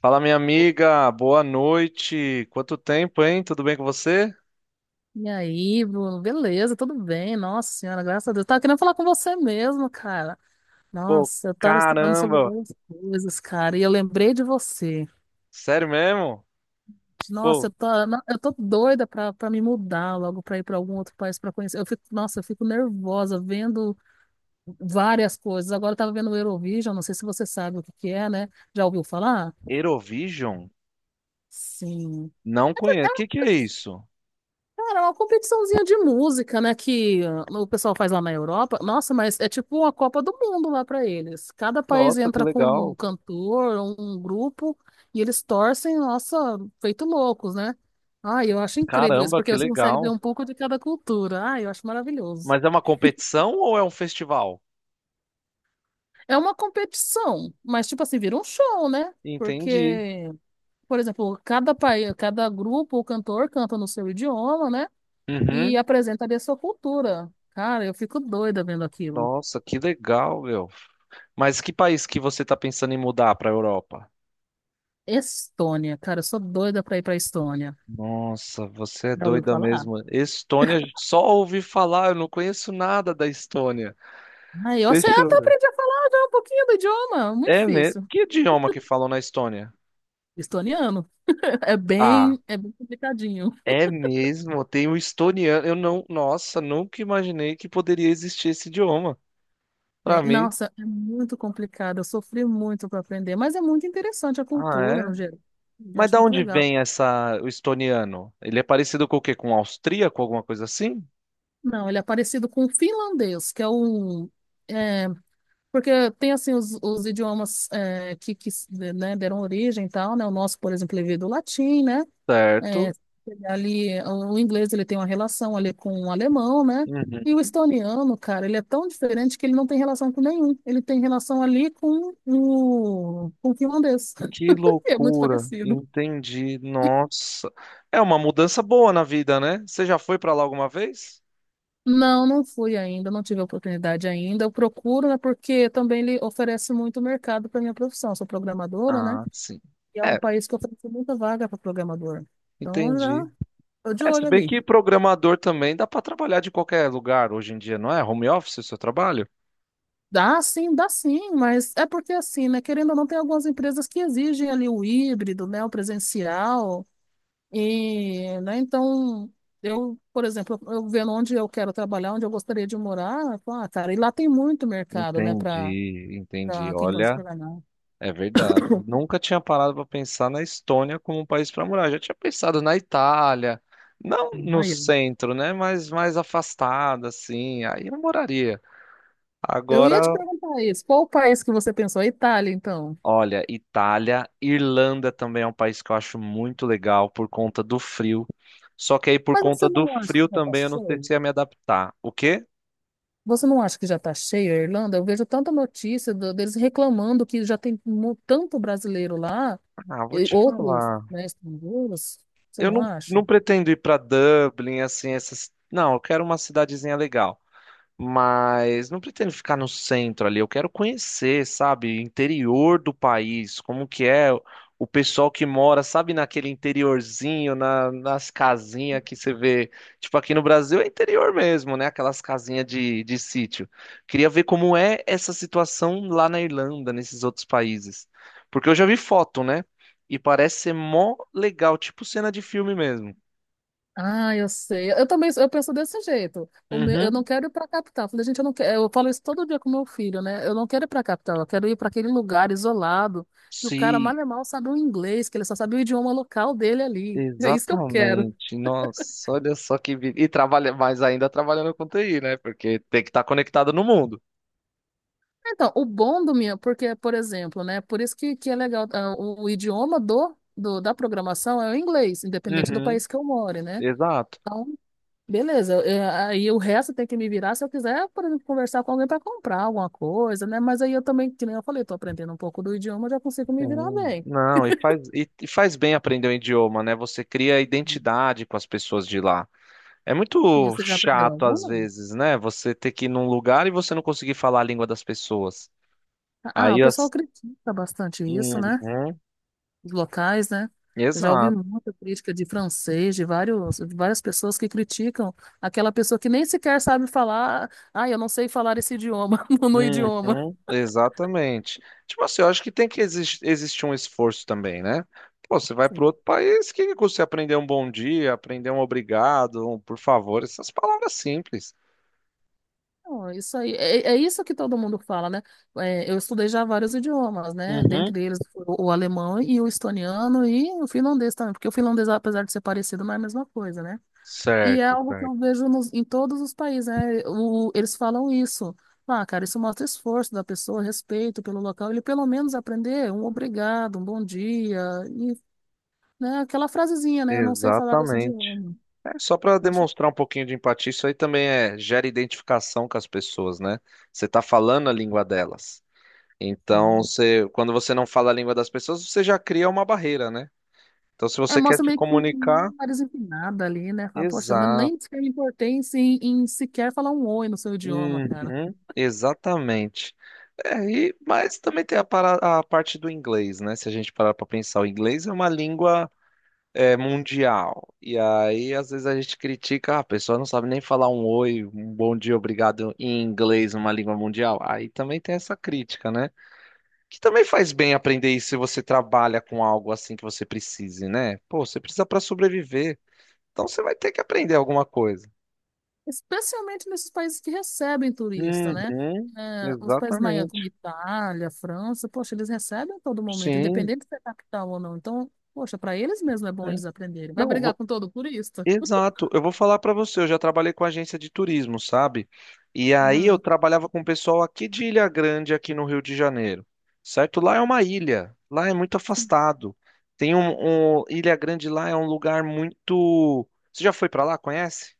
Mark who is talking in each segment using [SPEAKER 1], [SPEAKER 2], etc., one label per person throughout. [SPEAKER 1] Fala, minha amiga, boa noite. Quanto tempo, hein? Tudo bem com você?
[SPEAKER 2] E aí, Bruno? Beleza, tudo bem? Nossa senhora, graças a Deus. Tava querendo falar com você mesmo, cara.
[SPEAKER 1] Pô,
[SPEAKER 2] Nossa, eu tava estudando sobre
[SPEAKER 1] caramba!
[SPEAKER 2] várias coisas, cara, e eu lembrei de você.
[SPEAKER 1] Sério mesmo?
[SPEAKER 2] Nossa,
[SPEAKER 1] Pô,
[SPEAKER 2] eu tô doida pra me mudar logo, pra ir pra algum outro país pra conhecer. Eu fico, nossa, eu fico nervosa vendo várias coisas. Agora eu tava vendo o Eurovision, não sei se você sabe o que que é, né? Já ouviu falar?
[SPEAKER 1] Eurovision?
[SPEAKER 2] Sim.
[SPEAKER 1] Não conheço. O que que é isso?
[SPEAKER 2] Cara, é uma competiçãozinha de música, né, que o pessoal faz lá na Europa. Nossa, mas é tipo uma Copa do Mundo lá pra eles. Cada país
[SPEAKER 1] Nossa, que
[SPEAKER 2] entra com um
[SPEAKER 1] legal.
[SPEAKER 2] cantor, um grupo, e eles torcem, nossa, feito loucos, né? Ai, eu acho incrível isso,
[SPEAKER 1] Caramba,
[SPEAKER 2] porque
[SPEAKER 1] que
[SPEAKER 2] você consegue ver
[SPEAKER 1] legal.
[SPEAKER 2] um pouco de cada cultura. Ai, eu acho maravilhoso.
[SPEAKER 1] Mas é uma competição ou é um festival?
[SPEAKER 2] É uma competição, mas tipo assim, vira um show, né?
[SPEAKER 1] Entendi.
[SPEAKER 2] Porque, por exemplo, cada país, cada grupo ou cantor canta no seu idioma, né? E
[SPEAKER 1] Uhum.
[SPEAKER 2] apresenta ali a sua cultura. Cara, eu fico doida vendo aquilo.
[SPEAKER 1] Nossa, que legal, meu. Mas que país que você tá pensando em mudar para a Europa?
[SPEAKER 2] Estônia, cara, eu sou doida pra ir pra Estônia.
[SPEAKER 1] Nossa, você é
[SPEAKER 2] Já ouviu
[SPEAKER 1] doida
[SPEAKER 2] falar?
[SPEAKER 1] mesmo. Estônia, só ouvi falar, eu não conheço nada da Estônia.
[SPEAKER 2] Aí eu sei,
[SPEAKER 1] Deixa eu
[SPEAKER 2] até
[SPEAKER 1] ver.
[SPEAKER 2] aprendi a falar já um pouquinho do idioma, muito
[SPEAKER 1] É mesmo?
[SPEAKER 2] difícil.
[SPEAKER 1] Que idioma que falam na Estônia?
[SPEAKER 2] Estoniano. É
[SPEAKER 1] Ah,
[SPEAKER 2] bem, é bem complicadinho.
[SPEAKER 1] é mesmo? Tem o estoniano. Eu não. Nossa, nunca imaginei que poderia existir esse idioma. Pra mim.
[SPEAKER 2] Nossa, é muito complicado. Eu sofri muito para aprender, mas é muito interessante a
[SPEAKER 1] Ah,
[SPEAKER 2] cultura no
[SPEAKER 1] é?
[SPEAKER 2] geral. Eu
[SPEAKER 1] Mas
[SPEAKER 2] acho
[SPEAKER 1] da
[SPEAKER 2] muito
[SPEAKER 1] onde
[SPEAKER 2] legal.
[SPEAKER 1] vem essa, o estoniano? Ele é parecido com o quê? Com o austríaco, alguma coisa assim?
[SPEAKER 2] Não, ele é parecido com o finlandês, que é um. É, porque tem, assim, os idiomas que, né, deram origem e tal, né? O nosso, por exemplo, ele veio do latim, né? É,
[SPEAKER 1] Certo.
[SPEAKER 2] ali, o inglês, ele tem uma relação ali com o alemão, né?
[SPEAKER 1] Uhum.
[SPEAKER 2] E o estoniano, cara, ele é tão diferente que ele não tem relação com nenhum. Ele tem relação ali com com o finlandês.
[SPEAKER 1] Que
[SPEAKER 2] É muito
[SPEAKER 1] loucura.
[SPEAKER 2] parecido.
[SPEAKER 1] Entendi. Nossa. É uma mudança boa na vida, né? Você já foi pra lá alguma vez?
[SPEAKER 2] Não, não fui ainda, não tive a oportunidade ainda. Eu procuro, né? Porque também ele oferece muito mercado para minha profissão. Eu sou programadora, né?
[SPEAKER 1] Ah, sim.
[SPEAKER 2] E é um
[SPEAKER 1] É,
[SPEAKER 2] país que oferece muita vaga para programador. Então, eu
[SPEAKER 1] entendi.
[SPEAKER 2] já tô de
[SPEAKER 1] É, se
[SPEAKER 2] olho
[SPEAKER 1] bem
[SPEAKER 2] ali.
[SPEAKER 1] que programador também dá para trabalhar de qualquer lugar hoje em dia, não é? Home office o seu trabalho?
[SPEAKER 2] Dá sim, mas é porque assim, né? Querendo ou não, tem algumas empresas que exigem ali o híbrido, né? O presencial. E, né? Então, eu, por exemplo, eu vendo onde eu quero trabalhar, onde eu gostaria de morar, eu falo, ah, cara, e lá tem muito mercado, né? Para
[SPEAKER 1] Entendi, entendi.
[SPEAKER 2] quem gosta de
[SPEAKER 1] Olha,
[SPEAKER 2] programar.
[SPEAKER 1] é verdade. Nunca tinha parado para pensar na Estônia como um país para morar. Já tinha pensado na Itália, não no
[SPEAKER 2] Aí,
[SPEAKER 1] centro, né? Mas mais afastada, assim. Aí eu moraria.
[SPEAKER 2] eu
[SPEAKER 1] Agora,
[SPEAKER 2] ia te perguntar isso. Qual o país que você pensou? A Itália, então.
[SPEAKER 1] olha, Itália, Irlanda também é um país que eu acho muito legal por conta do frio. Só que aí por
[SPEAKER 2] Mas
[SPEAKER 1] conta
[SPEAKER 2] você
[SPEAKER 1] do
[SPEAKER 2] não acha
[SPEAKER 1] frio
[SPEAKER 2] que vai estar
[SPEAKER 1] também eu não sei
[SPEAKER 2] cheio?
[SPEAKER 1] se ia me adaptar. O quê?
[SPEAKER 2] Você não acha que já está cheio a Irlanda? Eu vejo tanta notícia deles reclamando que já tem tanto brasileiro lá,
[SPEAKER 1] Ah, vou
[SPEAKER 2] e
[SPEAKER 1] te
[SPEAKER 2] outros,
[SPEAKER 1] falar.
[SPEAKER 2] né, estrangeiros. Você
[SPEAKER 1] Eu
[SPEAKER 2] não
[SPEAKER 1] não, não
[SPEAKER 2] acha?
[SPEAKER 1] pretendo ir pra Dublin, assim, essas. Não, eu quero uma cidadezinha legal. Mas não pretendo ficar no centro ali, eu quero conhecer, sabe, interior do país, como que é o pessoal que mora, sabe, naquele interiorzinho, nas casinhas que você vê, tipo aqui no Brasil é interior mesmo, né, aquelas casinhas de sítio. Queria ver como é essa situação lá na Irlanda, nesses outros países, porque eu já vi foto, né, e parece ser mó legal, tipo cena de filme mesmo.
[SPEAKER 2] Ah, eu sei. Eu também, eu penso desse jeito. O meu, eu não
[SPEAKER 1] Uhum,
[SPEAKER 2] quero ir para a capital. Eu falei, gente, eu não quero. Eu falo isso todo dia com meu filho, né? Eu não quero ir para a capital. Eu quero ir para aquele lugar isolado que o cara
[SPEAKER 1] sim.
[SPEAKER 2] mal e mal sabe o inglês, que ele só sabe o idioma local dele ali. É isso que eu quero.
[SPEAKER 1] Exatamente. Nossa, olha só que vida. E trabalha mais ainda trabalhando com TI, né? Porque tem que estar conectado no mundo.
[SPEAKER 2] Então, o bom do meu, porque, por exemplo, né? Por isso que é legal, o idioma da programação é o inglês, independente do
[SPEAKER 1] Uhum.
[SPEAKER 2] país que eu more, né?
[SPEAKER 1] Exato.
[SPEAKER 2] Beleza, aí o resto tem que me virar se eu quiser, por exemplo, conversar com alguém para comprar alguma coisa, né? Mas aí eu também, que nem eu falei, tô aprendendo um pouco do idioma, eu já consigo me virar
[SPEAKER 1] Sim.
[SPEAKER 2] bem.
[SPEAKER 1] Não, e faz, e faz bem aprender o idioma, né? Você cria identidade com as pessoas de lá. É
[SPEAKER 2] E
[SPEAKER 1] muito
[SPEAKER 2] você já aprendeu
[SPEAKER 1] chato às
[SPEAKER 2] alguma?
[SPEAKER 1] vezes, né? Você ter que ir num lugar e você não conseguir falar a língua das pessoas.
[SPEAKER 2] Ah, o
[SPEAKER 1] Aí
[SPEAKER 2] pessoal
[SPEAKER 1] as...
[SPEAKER 2] critica bastante isso, né?
[SPEAKER 1] Uhum.
[SPEAKER 2] Os locais, né? Eu já ouvi
[SPEAKER 1] Exato.
[SPEAKER 2] muita crítica de francês, de vários, de várias pessoas que criticam aquela pessoa que nem sequer sabe falar, ah, eu não sei falar esse idioma, no idioma.
[SPEAKER 1] Uhum, exatamente. Tipo assim, eu acho que tem que existir um esforço também, né? Pô, você vai para
[SPEAKER 2] Sim.
[SPEAKER 1] outro país, que custa você aprender um bom dia, aprender um obrigado, um por favor, essas palavras simples.
[SPEAKER 2] Então, é isso aí, é isso que todo mundo fala, né? É, eu estudei já vários idiomas, né?
[SPEAKER 1] Uhum.
[SPEAKER 2] Dentre eles o alemão e o estoniano e o finlandês também, porque o finlandês, apesar de ser parecido, não é a mesma coisa, né? E é
[SPEAKER 1] Certo,
[SPEAKER 2] algo que eu
[SPEAKER 1] certo.
[SPEAKER 2] vejo em todos os países, né? Eles falam isso. Ah, cara, isso mostra esforço da pessoa, respeito pelo local. Ele pelo menos aprender um obrigado, um bom dia, e, né, aquela frasezinha, né? Eu não sei falar esse
[SPEAKER 1] Exatamente.
[SPEAKER 2] idioma.
[SPEAKER 1] É só para
[SPEAKER 2] Eu acho que
[SPEAKER 1] demonstrar um pouquinho de empatia, isso aí também é gera identificação com as pessoas, né? Você tá falando a língua delas. Então,
[SPEAKER 2] sim.
[SPEAKER 1] você, quando você não fala a língua das pessoas, você já cria uma barreira, né? Então, se
[SPEAKER 2] É,
[SPEAKER 1] você quer
[SPEAKER 2] mostra
[SPEAKER 1] se
[SPEAKER 2] meio que
[SPEAKER 1] comunicar,
[SPEAKER 2] nariz empinada ali, né? Fala, poxa, eu
[SPEAKER 1] exato.
[SPEAKER 2] nem sequer me importei em, em sequer falar um oi no seu idioma, cara.
[SPEAKER 1] Uhum, exatamente. É, e, mas também tem a, a parte do inglês, né? Se a gente parar para pensar, o inglês é uma língua é, mundial. E aí, às vezes, a gente critica, "Ah, a pessoa não sabe nem falar um oi, um bom dia, obrigado em inglês, numa língua mundial. Aí também tem essa crítica, né? Que também faz bem aprender isso se você trabalha com algo assim que você precise, né? Pô, você precisa para sobreviver. Então você vai ter que aprender alguma coisa.
[SPEAKER 2] Especialmente nesses países que recebem turista, né?
[SPEAKER 1] Uhum,
[SPEAKER 2] É, os países maiores,
[SPEAKER 1] exatamente.
[SPEAKER 2] como Itália, França, poxa, eles recebem a todo momento,
[SPEAKER 1] Sim.
[SPEAKER 2] independente se é capital ou não. Então, poxa, para eles mesmo é bom eles aprenderem. Vai
[SPEAKER 1] Não,
[SPEAKER 2] brigar
[SPEAKER 1] vou-
[SPEAKER 2] com todo turista?
[SPEAKER 1] Exato. Eu vou falar para você, eu já trabalhei com agência de turismo, sabe? E aí eu
[SPEAKER 2] Uhum.
[SPEAKER 1] trabalhava com o pessoal aqui de Ilha Grande, aqui no Rio de Janeiro, certo? Lá é uma ilha, lá é muito afastado. Tem Ilha Grande lá é um lugar muito. Você já foi para lá? Conhece?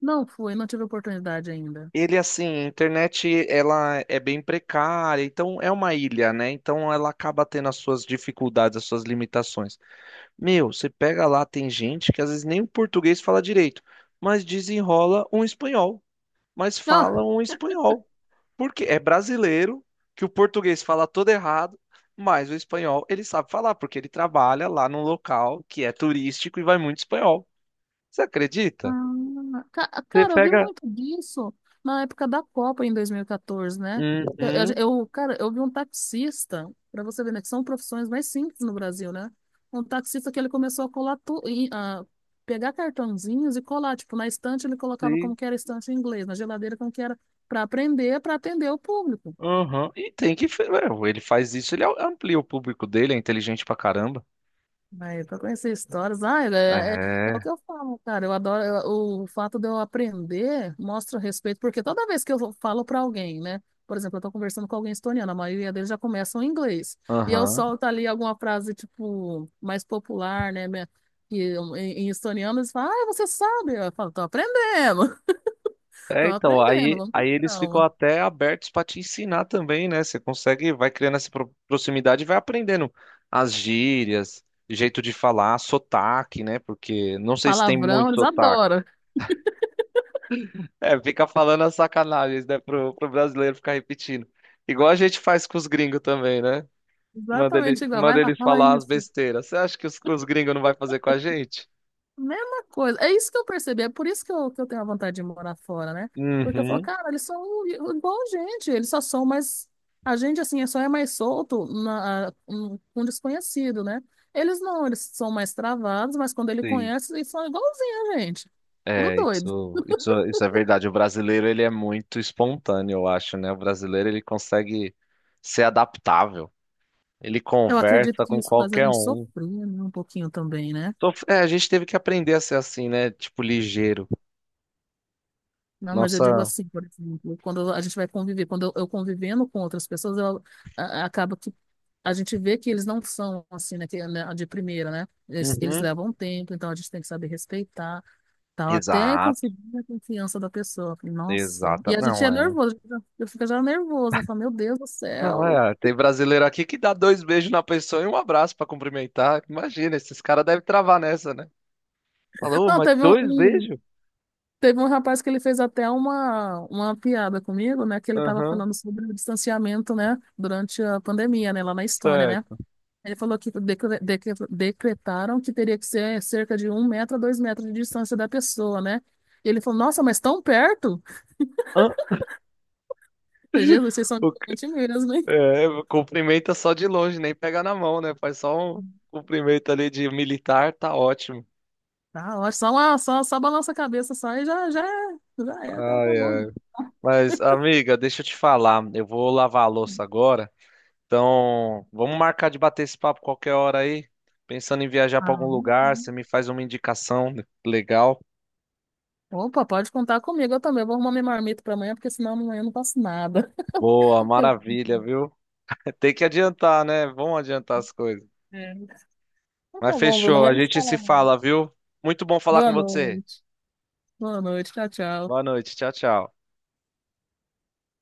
[SPEAKER 2] Não fui, não tive oportunidade ainda.
[SPEAKER 1] Ele assim, a internet ela é bem precária, então é uma ilha, né? Então ela acaba tendo as suas dificuldades, as suas limitações. Meu, você pega lá, tem gente que às vezes nem o português fala direito, mas desenrola um espanhol, mas fala um espanhol. Porque é brasileiro que o português fala todo errado, mas o espanhol ele sabe falar, porque ele trabalha lá num local que é turístico e vai muito espanhol. Você acredita?
[SPEAKER 2] Ah,
[SPEAKER 1] Você
[SPEAKER 2] cara, eu vi
[SPEAKER 1] pega.
[SPEAKER 2] muito disso na época da Copa em 2014, né? Eu,
[SPEAKER 1] Uhum,
[SPEAKER 2] eu- cara, eu vi um taxista, para você ver, né, que são profissões mais simples no Brasil, né? Um taxista que ele começou a colar tu, e, a pegar cartãozinhos e colar, tipo, na estante ele colocava como
[SPEAKER 1] sim,
[SPEAKER 2] que era a estante em inglês, na geladeira como que era, para aprender, para atender o público.
[SPEAKER 1] uhum. E tem que. Ele faz isso, ele amplia o público dele, é inteligente pra caramba.
[SPEAKER 2] Mas pra conhecer histórias, ah, é, é o que
[SPEAKER 1] É.
[SPEAKER 2] eu falo, cara. Eu adoro o fato de eu aprender mostra respeito, porque toda vez que eu falo pra alguém, né? Por exemplo, eu tô conversando com alguém estoniano, a maioria deles já começam em inglês. E eu
[SPEAKER 1] Aham.
[SPEAKER 2] solto ali alguma frase, tipo, mais popular, né? Que, em estoniano eles falam, ah, você sabe? Eu falo, tô aprendendo, tô
[SPEAKER 1] É, então,
[SPEAKER 2] aprendendo,
[SPEAKER 1] aí,
[SPEAKER 2] vamos
[SPEAKER 1] aí
[SPEAKER 2] com
[SPEAKER 1] eles ficam
[SPEAKER 2] calma.
[SPEAKER 1] até abertos para te ensinar também, né? Você consegue, vai criando essa proximidade e vai aprendendo as gírias, jeito de falar, sotaque, né? Porque não sei se tem
[SPEAKER 2] Palavrão,
[SPEAKER 1] muito
[SPEAKER 2] eles
[SPEAKER 1] sotaque.
[SPEAKER 2] adoram.
[SPEAKER 1] É, fica falando as sacanagens, né? Pro brasileiro ficar repetindo. Igual a gente faz com os gringos também, né? Manda, ele,
[SPEAKER 2] Exatamente igual. Vai
[SPEAKER 1] manda
[SPEAKER 2] lá,
[SPEAKER 1] eles
[SPEAKER 2] fala
[SPEAKER 1] falar as
[SPEAKER 2] isso.
[SPEAKER 1] besteiras. Você acha que os gringos não vai fazer com a gente?
[SPEAKER 2] Mesma coisa. É isso que eu percebi. É por isso que eu tenho a vontade de morar fora, né? Porque eu falo,
[SPEAKER 1] Uhum.
[SPEAKER 2] cara, eles são igual a gente. Eles só são mais. A gente, assim, é só é mais solto na, um desconhecido, né? Eles não, eles são mais travados, mas quando ele
[SPEAKER 1] Sim.
[SPEAKER 2] conhece, eles são igualzinho a gente. Tudo
[SPEAKER 1] É,
[SPEAKER 2] doido.
[SPEAKER 1] isso é verdade. O brasileiro, ele é muito espontâneo, eu acho, né? O brasileiro, ele consegue ser adaptável. Ele
[SPEAKER 2] Eu acredito
[SPEAKER 1] conversa
[SPEAKER 2] que
[SPEAKER 1] com
[SPEAKER 2] isso faz a
[SPEAKER 1] qualquer
[SPEAKER 2] gente
[SPEAKER 1] um.
[SPEAKER 2] sofrer, né? Um pouquinho também, né?
[SPEAKER 1] Então, é, a gente teve que aprender a ser assim, né? Tipo, ligeiro.
[SPEAKER 2] Não, mas eu digo
[SPEAKER 1] Nossa.
[SPEAKER 2] assim, por exemplo, quando a gente vai conviver, eu convivendo com outras pessoas, acaba a gente vê que eles não são assim, né, é, né, de primeira, né? Eles
[SPEAKER 1] Uhum.
[SPEAKER 2] levam um tempo, então a gente tem que saber respeitar, tal, até
[SPEAKER 1] Exato,
[SPEAKER 2] conseguir a confiança da pessoa. Eu falei, nossa.
[SPEAKER 1] exato.
[SPEAKER 2] E a gente
[SPEAKER 1] Não
[SPEAKER 2] é
[SPEAKER 1] é.
[SPEAKER 2] nervoso, eu fico já nervosa, né? Falo, meu Deus do
[SPEAKER 1] Não
[SPEAKER 2] céu.
[SPEAKER 1] é. Tem brasileiro aqui que dá dois beijos na pessoa e um abraço pra cumprimentar. Imagina, esses caras devem travar nessa, né? Falou,
[SPEAKER 2] Não,
[SPEAKER 1] mas
[SPEAKER 2] teve
[SPEAKER 1] dois beijos?
[SPEAKER 2] teve um rapaz que ele fez até uma piada comigo, né? Que ele estava
[SPEAKER 1] Aham,
[SPEAKER 2] falando sobre o distanciamento, né? Durante a pandemia, né? Lá na Estônia, né?
[SPEAKER 1] certo.
[SPEAKER 2] Ele falou que decretaram que teria que ser cerca de 1 metro a 2 metros de distância da pessoa, né? E ele falou, nossa, mas tão perto?
[SPEAKER 1] Hã?
[SPEAKER 2] Falei, Jesus, vocês são diferentes mesmo, hein?
[SPEAKER 1] É, cumprimenta só de longe, nem pega na mão, né? Faz só um cumprimento ali de militar, tá ótimo.
[SPEAKER 2] Ah, eu só, uma, só, só balança a cabeça só e já é, já
[SPEAKER 1] Ai,
[SPEAKER 2] acabou, né?
[SPEAKER 1] ai. Mas, amiga, deixa eu te falar, eu vou lavar a louça agora. Então, vamos marcar de bater esse papo qualquer hora aí. Pensando em viajar pra
[SPEAKER 2] Ah,
[SPEAKER 1] algum lugar, você
[SPEAKER 2] uhum.
[SPEAKER 1] me faz uma indicação legal.
[SPEAKER 2] Opa, pode contar comigo, eu também. Eu vou arrumar minha marmita para amanhã, porque senão amanhã eu não faço nada.
[SPEAKER 1] Boa, maravilha, viu? Tem que adiantar, né? Vamos adiantar as coisas.
[SPEAKER 2] É. Então
[SPEAKER 1] Mas
[SPEAKER 2] tá bom, Bruno,
[SPEAKER 1] fechou,
[SPEAKER 2] mas a
[SPEAKER 1] a
[SPEAKER 2] gente se
[SPEAKER 1] gente
[SPEAKER 2] fala
[SPEAKER 1] se
[SPEAKER 2] amanhã.
[SPEAKER 1] fala, viu? Muito bom falar com
[SPEAKER 2] Boa
[SPEAKER 1] você.
[SPEAKER 2] noite. Boa noite, tchau, tchau.
[SPEAKER 1] Boa noite, tchau, tchau.